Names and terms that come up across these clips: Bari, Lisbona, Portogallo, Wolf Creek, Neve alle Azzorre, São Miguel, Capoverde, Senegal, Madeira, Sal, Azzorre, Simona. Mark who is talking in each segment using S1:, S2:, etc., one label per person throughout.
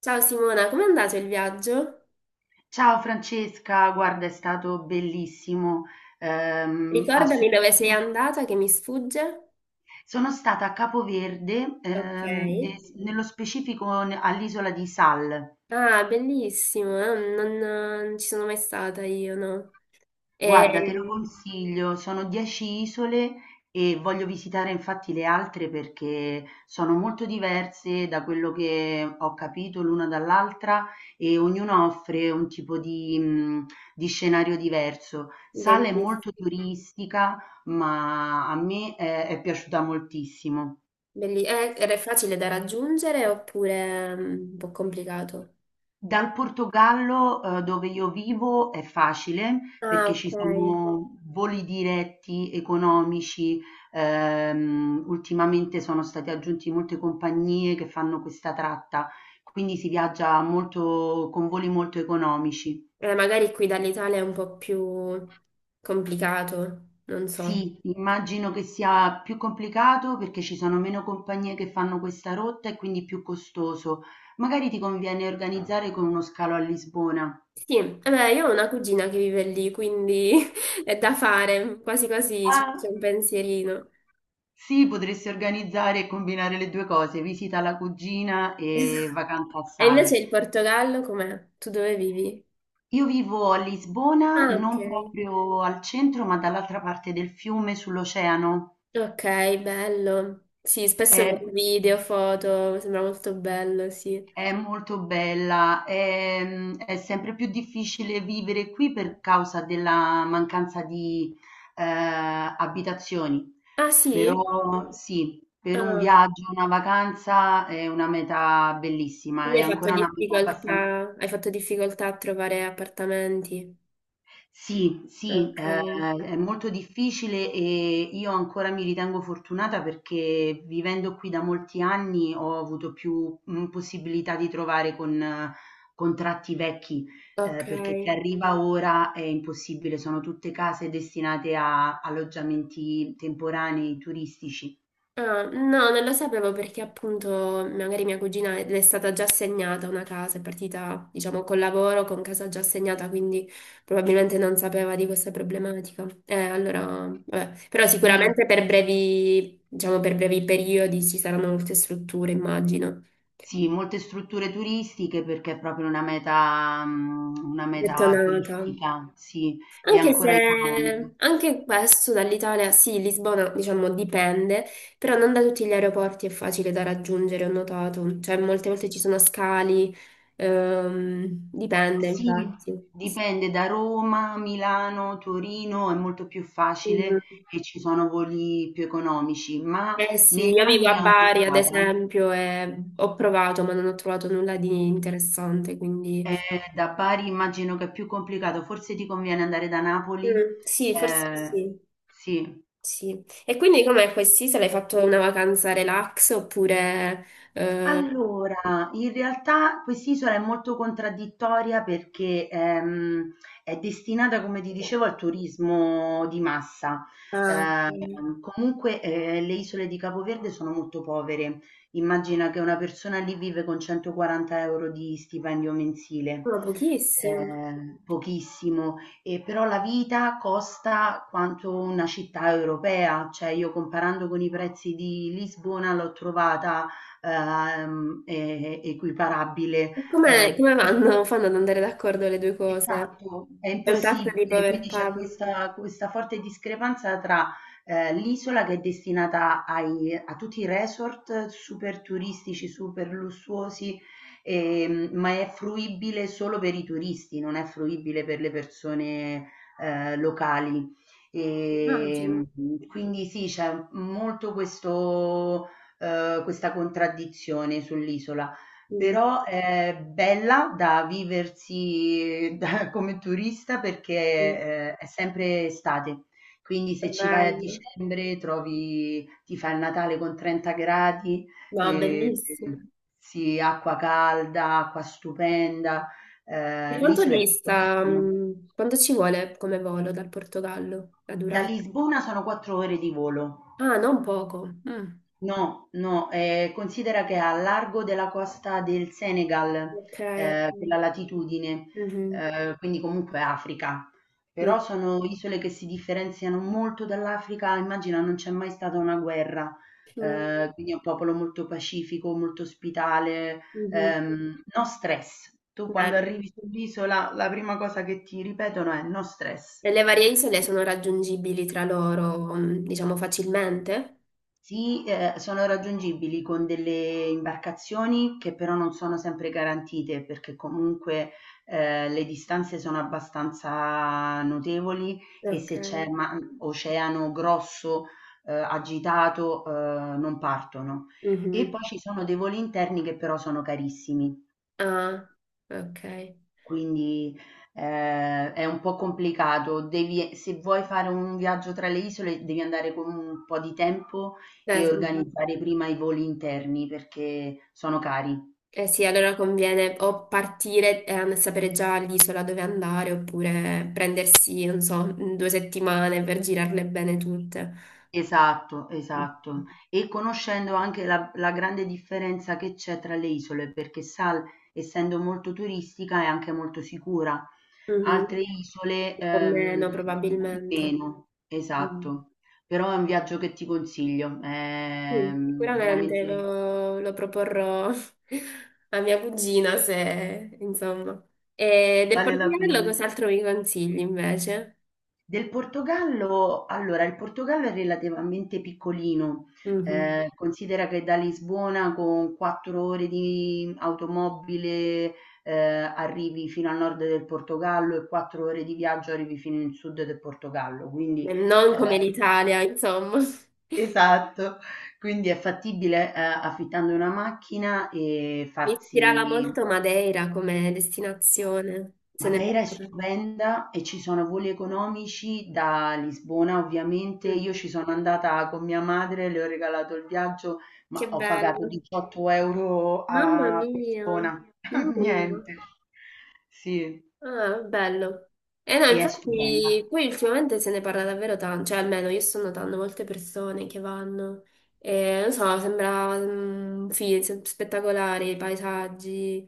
S1: Ciao Simona, com'è andato il viaggio?
S2: Ciao Francesca, guarda, è stato bellissimo. ehm, a
S1: Ricordami dove
S2: Super-
S1: sei andata che mi sfugge.
S2: Sono stata a Capoverde,
S1: Ok.
S2: e nello specifico all'isola di Sal.
S1: Ah, bellissimo, non ci sono mai stata io, no? È
S2: Guarda, te lo consiglio, sono 10 isole e voglio visitare infatti le altre, perché sono molto diverse, da quello che ho capito, l'una dall'altra, e ognuna offre un tipo di scenario diverso. Sala è molto
S1: bellissimo.
S2: turistica, ma a me è piaciuta moltissimo.
S1: Era facile da raggiungere oppure un po' complicato?
S2: Dal Portogallo, dove io vivo, è facile
S1: Ah,
S2: perché ci
S1: ok.
S2: sono voli diretti economici. Ultimamente sono state aggiunti molte compagnie che fanno questa tratta, quindi si viaggia molto con voli molto economici.
S1: Magari qui dall'Italia è un po' più complicato, non so.
S2: Sì, immagino che sia più complicato, perché ci sono meno compagnie che fanno questa rotta e quindi più costoso. Magari ti conviene organizzare con uno scalo a Lisbona.
S1: Sì, eh beh, io ho una cugina che vive lì, quindi è da fare, quasi quasi ci faccio
S2: Ah.
S1: un pensierino.
S2: Sì, potresti organizzare e combinare le due cose: visita alla cugina
S1: E
S2: e vacanza a
S1: invece
S2: Sal.
S1: il Portogallo com'è? Tu dove vivi?
S2: Io vivo a Lisbona,
S1: Ah, ok.
S2: non proprio al centro, ma dall'altra parte del fiume, sull'oceano.
S1: Ok, bello. Sì, spesso
S2: È,
S1: vedo video, foto, sembra molto bello, sì.
S2: è molto bella. È sempre più difficile vivere qui per causa della mancanza di abitazioni.
S1: Ah, sì?
S2: Però sì, per un
S1: Ah,
S2: viaggio, una vacanza è una meta bellissima,
S1: quindi
S2: è
S1: hai fatto
S2: ancora una meta abbastanza.
S1: difficoltà, hai fatto difficoltà a trovare appartamenti.
S2: Sì, sì,
S1: Ok,
S2: è molto difficile e io ancora mi ritengo fortunata, perché vivendo qui da molti anni ho avuto più possibilità di trovare con contratti vecchi,
S1: ok.
S2: perché chi arriva ora è impossibile, sono tutte case destinate a alloggiamenti temporanei turistici.
S1: Ah, no, non lo sapevo perché appunto magari mia cugina le è stata già assegnata una casa, è partita diciamo col lavoro, con casa già assegnata, quindi probabilmente non sapeva di questa problematica. Allora, vabbè. Però sicuramente
S2: Sì,
S1: per brevi, diciamo per brevi periodi ci saranno molte strutture, immagino.
S2: sì, molte strutture turistiche perché è proprio una meta
S1: Gettonata.
S2: turistica, sì, e
S1: Anche
S2: ancora economica.
S1: se anche questo dall'Italia, sì, Lisbona diciamo dipende, però non da tutti gli aeroporti è facile da raggiungere, ho notato, cioè molte volte ci sono scali, dipende
S2: Sì,
S1: infatti.
S2: dipende. Da Roma, Milano, Torino è molto più facile
S1: Mm.
S2: e ci sono voli più economici, ma
S1: Eh sì,
S2: negli
S1: io vivo
S2: anni
S1: a
S2: è
S1: Bari ad
S2: aumentata.
S1: esempio e ho provato ma non ho trovato nulla di interessante, quindi.
S2: Eh, da Bari immagino che è più complicato, forse ti conviene andare da Napoli.
S1: Mm, sì, forse
S2: Eh,
S1: sì,
S2: sì.
S1: sì. E quindi com'è questi? Se l'hai fatto una vacanza relax oppure. eh,
S2: Allora, in realtà quest'isola è molto contraddittoria, perché è destinata, come ti dicevo, al turismo di massa.
S1: Ah, ok.
S2: Comunque le isole di Capoverde sono molto povere. Immagina che una persona lì vive con 140 euro di stipendio mensile.
S1: Ma pochissimo.
S2: Pochissimo, e però la vita costa quanto una città europea, cioè io comparando con i prezzi di Lisbona l'ho trovata equiparabile.
S1: E come,
S2: ehm
S1: come fanno ad andare d'accordo le due cose?
S2: Esatto, è
S1: C'è un tasso di
S2: impossibile. Quindi c'è
S1: povertà,
S2: questa forte discrepanza tra, l'isola che è destinata ai a tutti i resort super turistici, super lussuosi, ma è fruibile solo per i turisti, non è fruibile per le persone locali.
S1: immagino.
S2: Ehm, quindi sì, c'è molto questo questa contraddizione sull'isola.
S1: Mm,
S2: Però è bella da viversi come turista, perché
S1: mm.
S2: è sempre estate, quindi
S1: Che
S2: se ci vai a
S1: bello.
S2: dicembre trovi, ti fa il Natale con 30 gradi.
S1: No,
S2: Eh,
S1: bellissimo.
S2: sì, acqua calda, acqua stupenda.
S1: E
S2: L'isola è piccolissima.
S1: quanto ci vuole come volo dal Portogallo? La
S2: Da
S1: durata?
S2: Lisbona sono 4 ore di volo.
S1: Ah, non poco. Mm.
S2: No, no, considera che è a largo della costa del Senegal,
S1: Ok, ok.
S2: quella latitudine,
S1: Mhm,
S2: quindi comunque Africa.
S1: mm.
S2: Però sono isole che si differenziano molto dall'Africa, immagina, non c'è mai stata una guerra,
S1: Mm,
S2: quindi è un popolo molto pacifico, molto ospitale,
S1: mhm.
S2: no stress. Tu quando
S1: Bello.
S2: arrivi sull'isola la prima cosa che ti ripetono è no stress.
S1: E le varie isole sono raggiungibili tra loro, diciamo, facilmente?
S2: Sì, sono raggiungibili con delle imbarcazioni che però non sono sempre garantite, perché comunque le distanze sono abbastanza notevoli e
S1: Ok.
S2: se c'è oceano grosso, agitato, non partono. E
S1: Mhm.
S2: poi ci sono dei voli interni che però sono carissimi.
S1: Ah, ok.
S2: Quindi è un po' complicato. Devi, se vuoi fare un viaggio tra le isole, devi andare con un po' di tempo
S1: Dai,
S2: e
S1: scusa.
S2: organizzare prima i voli interni perché sono cari.
S1: Eh sì, allora conviene o partire e sapere già l'isola dove andare, oppure prendersi, non so, due settimane per girarle bene tutte.
S2: Esatto,
S1: Mhm.
S2: esatto. E conoscendo anche la grande differenza che c'è tra le isole, perché Sal, essendo molto turistica, è anche molto sicura. Altre isole,
S1: O meno probabilmente.
S2: meno,
S1: Mm.
S2: esatto. Però è un viaggio che ti consiglio,
S1: Sì, sicuramente
S2: veramente
S1: lo proporrò a mia cugina se, insomma. E del
S2: vale la
S1: Portogallo
S2: pena.
S1: cos'altro mi consigli invece?
S2: Del Portogallo allora, il Portogallo è relativamente piccolino,
S1: Mhm.
S2: considera che da Lisbona con 4 ore di automobile arrivi fino al nord del Portogallo, e 4 ore di viaggio arrivi fino in sud del Portogallo, quindi
S1: Non come
S2: ehm
S1: l'Italia, insomma.
S2: esatto, quindi è fattibile, affittando una macchina e
S1: Mi ispirava
S2: farsi.
S1: molto Madeira come destinazione. Se ne
S2: Madeira è
S1: parla.
S2: stupenda e ci sono voli economici da Lisbona, ovviamente. Io
S1: Mhm.
S2: ci sono andata con mia madre, le ho regalato il viaggio,
S1: Che
S2: ma ho pagato
S1: bello.
S2: 18 euro
S1: Mamma
S2: a
S1: mia.
S2: persona.
S1: Nulla.
S2: Niente. Sì,
S1: Ah, bello. E no,
S2: e è stupenda.
S1: infatti, poi ultimamente se ne parla davvero tanto, cioè almeno io sto notando molte persone che vanno. E, non so, sembra sì, spettacolare i paesaggi.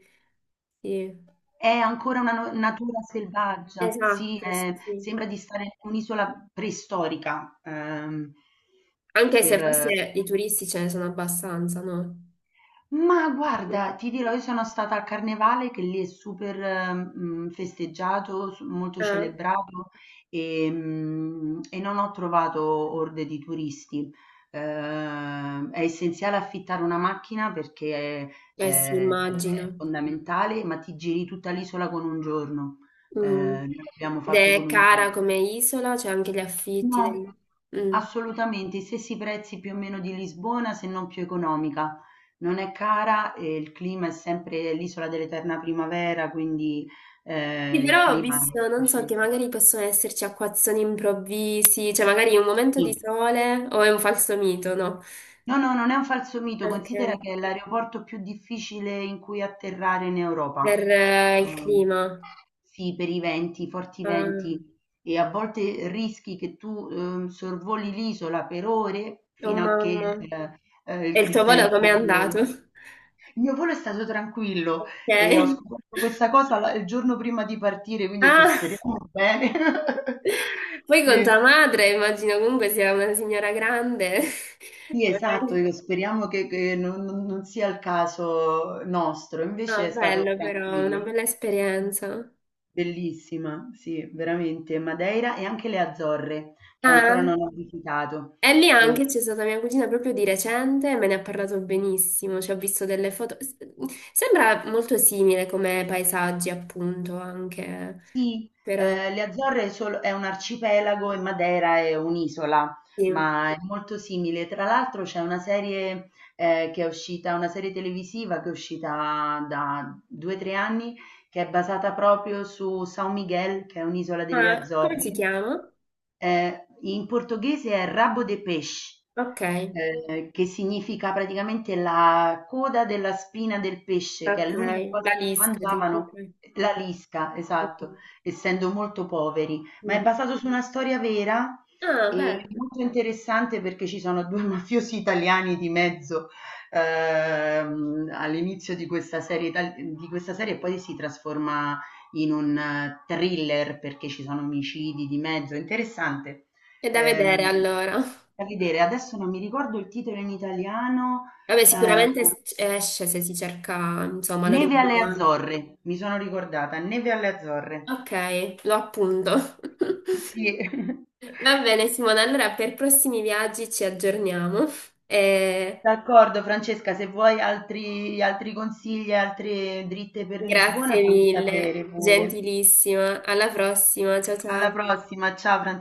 S1: Sì.
S2: È ancora una natura selvaggia, sì,
S1: Esatto, sì. Sì.
S2: sembra di stare in un'isola preistorica,
S1: Anche se
S2: per,
S1: forse i turisti ce ne sono abbastanza, no?
S2: ma guarda, ti dirò, io sono stata al carnevale che lì è super festeggiato, s molto
S1: Eh,
S2: celebrato, e non ho trovato orde di turisti. È essenziale affittare una macchina perché,
S1: eh sì, immagino.
S2: è fondamentale, ma ti giri tutta l'isola con un giorno.
S1: Mm.
S2: Noi l'abbiamo
S1: Ed
S2: fatto
S1: è
S2: con un
S1: cara
S2: giorno.
S1: come isola, c'è anche gli affitti.
S2: No,
S1: Mm.
S2: assolutamente, i stessi prezzi più o meno di Lisbona, se non più economica. Non è cara e il clima è sempre l'isola dell'eterna primavera, quindi
S1: Sì,
S2: il
S1: però ho
S2: clima è
S1: visto, non so,
S2: piacevole.
S1: che magari possono esserci acquazzoni improvvisi, cioè magari un momento di
S2: Sì.
S1: sole o è un falso mito, no?
S2: No, no, non è un falso mito, considera
S1: Ok.
S2: che è l'aeroporto più difficile in cui atterrare in
S1: Per
S2: Europa.
S1: il
S2: Ehm,
S1: clima.
S2: sì, per i venti, i forti
S1: Ah,
S2: venti, e a volte rischi che tu sorvoli l'isola per ore
S1: oh
S2: fino a che
S1: mamma. E
S2: il,
S1: il
S2: il
S1: tuo volo com'è
S2: tempo...
S1: andato?
S2: lo- Il mio volo è stato tranquillo
S1: Ok.
S2: e ho scoperto questa cosa il giorno prima di partire, quindi ho detto
S1: Ah!
S2: speriamo bene.
S1: Poi con tua
S2: Sì,
S1: madre, immagino comunque sia una signora grande.
S2: Sì, esatto,
S1: Magari-
S2: io speriamo che non sia il caso nostro,
S1: Ah,
S2: invece è stato
S1: bello però, una
S2: tranquillo.
S1: bella esperienza.
S2: Bellissima, sì, veramente. Madeira e anche le Azzorre, che ancora
S1: Ah,
S2: non ho visitato.
S1: e lì
S2: E-
S1: anche c'è stata mia cugina proprio di recente, e me ne ha parlato benissimo, ci ho visto delle foto. Sembra molto simile come paesaggi, appunto, anche,
S2: Sì,
S1: però
S2: le Azzorre sol è un arcipelago e Madeira è un'isola,
S1: sì.
S2: ma è molto simile. Tra l'altro c'è una serie televisiva che è uscita da 2, 3 anni, che è basata proprio su São Miguel, che è un'isola delle
S1: Ah, come si
S2: Azzorre.
S1: chiama?
S2: In portoghese è Rabo de Peixe,
S1: Ok,
S2: che significa praticamente la coda della spina del pesce, che
S1: ok,
S2: è l'unica
S1: la
S2: cosa che
S1: lisca tipo. Ok.
S2: mangiavano, la lisca, esatto, essendo molto poveri, ma è
S1: Mhm.
S2: basato su una storia vera
S1: Ah,
S2: e
S1: beh,
S2: molto interessante, perché ci sono due mafiosi italiani di mezzo all'inizio di questa serie e poi si trasforma in un thriller perché ci sono omicidi di mezzo, è interessante.
S1: è da
S2: Ehm,
S1: vedere allora.
S2: da vedere, adesso non mi ricordo il titolo in italiano.
S1: Vabbè,
S2: eh,
S1: sicuramente esce se si cerca, insomma,
S2: Neve alle
S1: l'originale.
S2: Azzorre, mi sono ricordata, Neve alle Azzorre.
S1: Ok, lo appunto.
S2: Sì.
S1: Va bene, Simona, allora per prossimi viaggi ci aggiorniamo. E
S2: D'accordo Francesca, se vuoi altri consigli, altre dritte per
S1: grazie
S2: Lisbona, fammi
S1: mille,
S2: sapere pure.
S1: gentilissima. Alla prossima, ciao
S2: Alla
S1: ciao.
S2: prossima, ciao Francesca.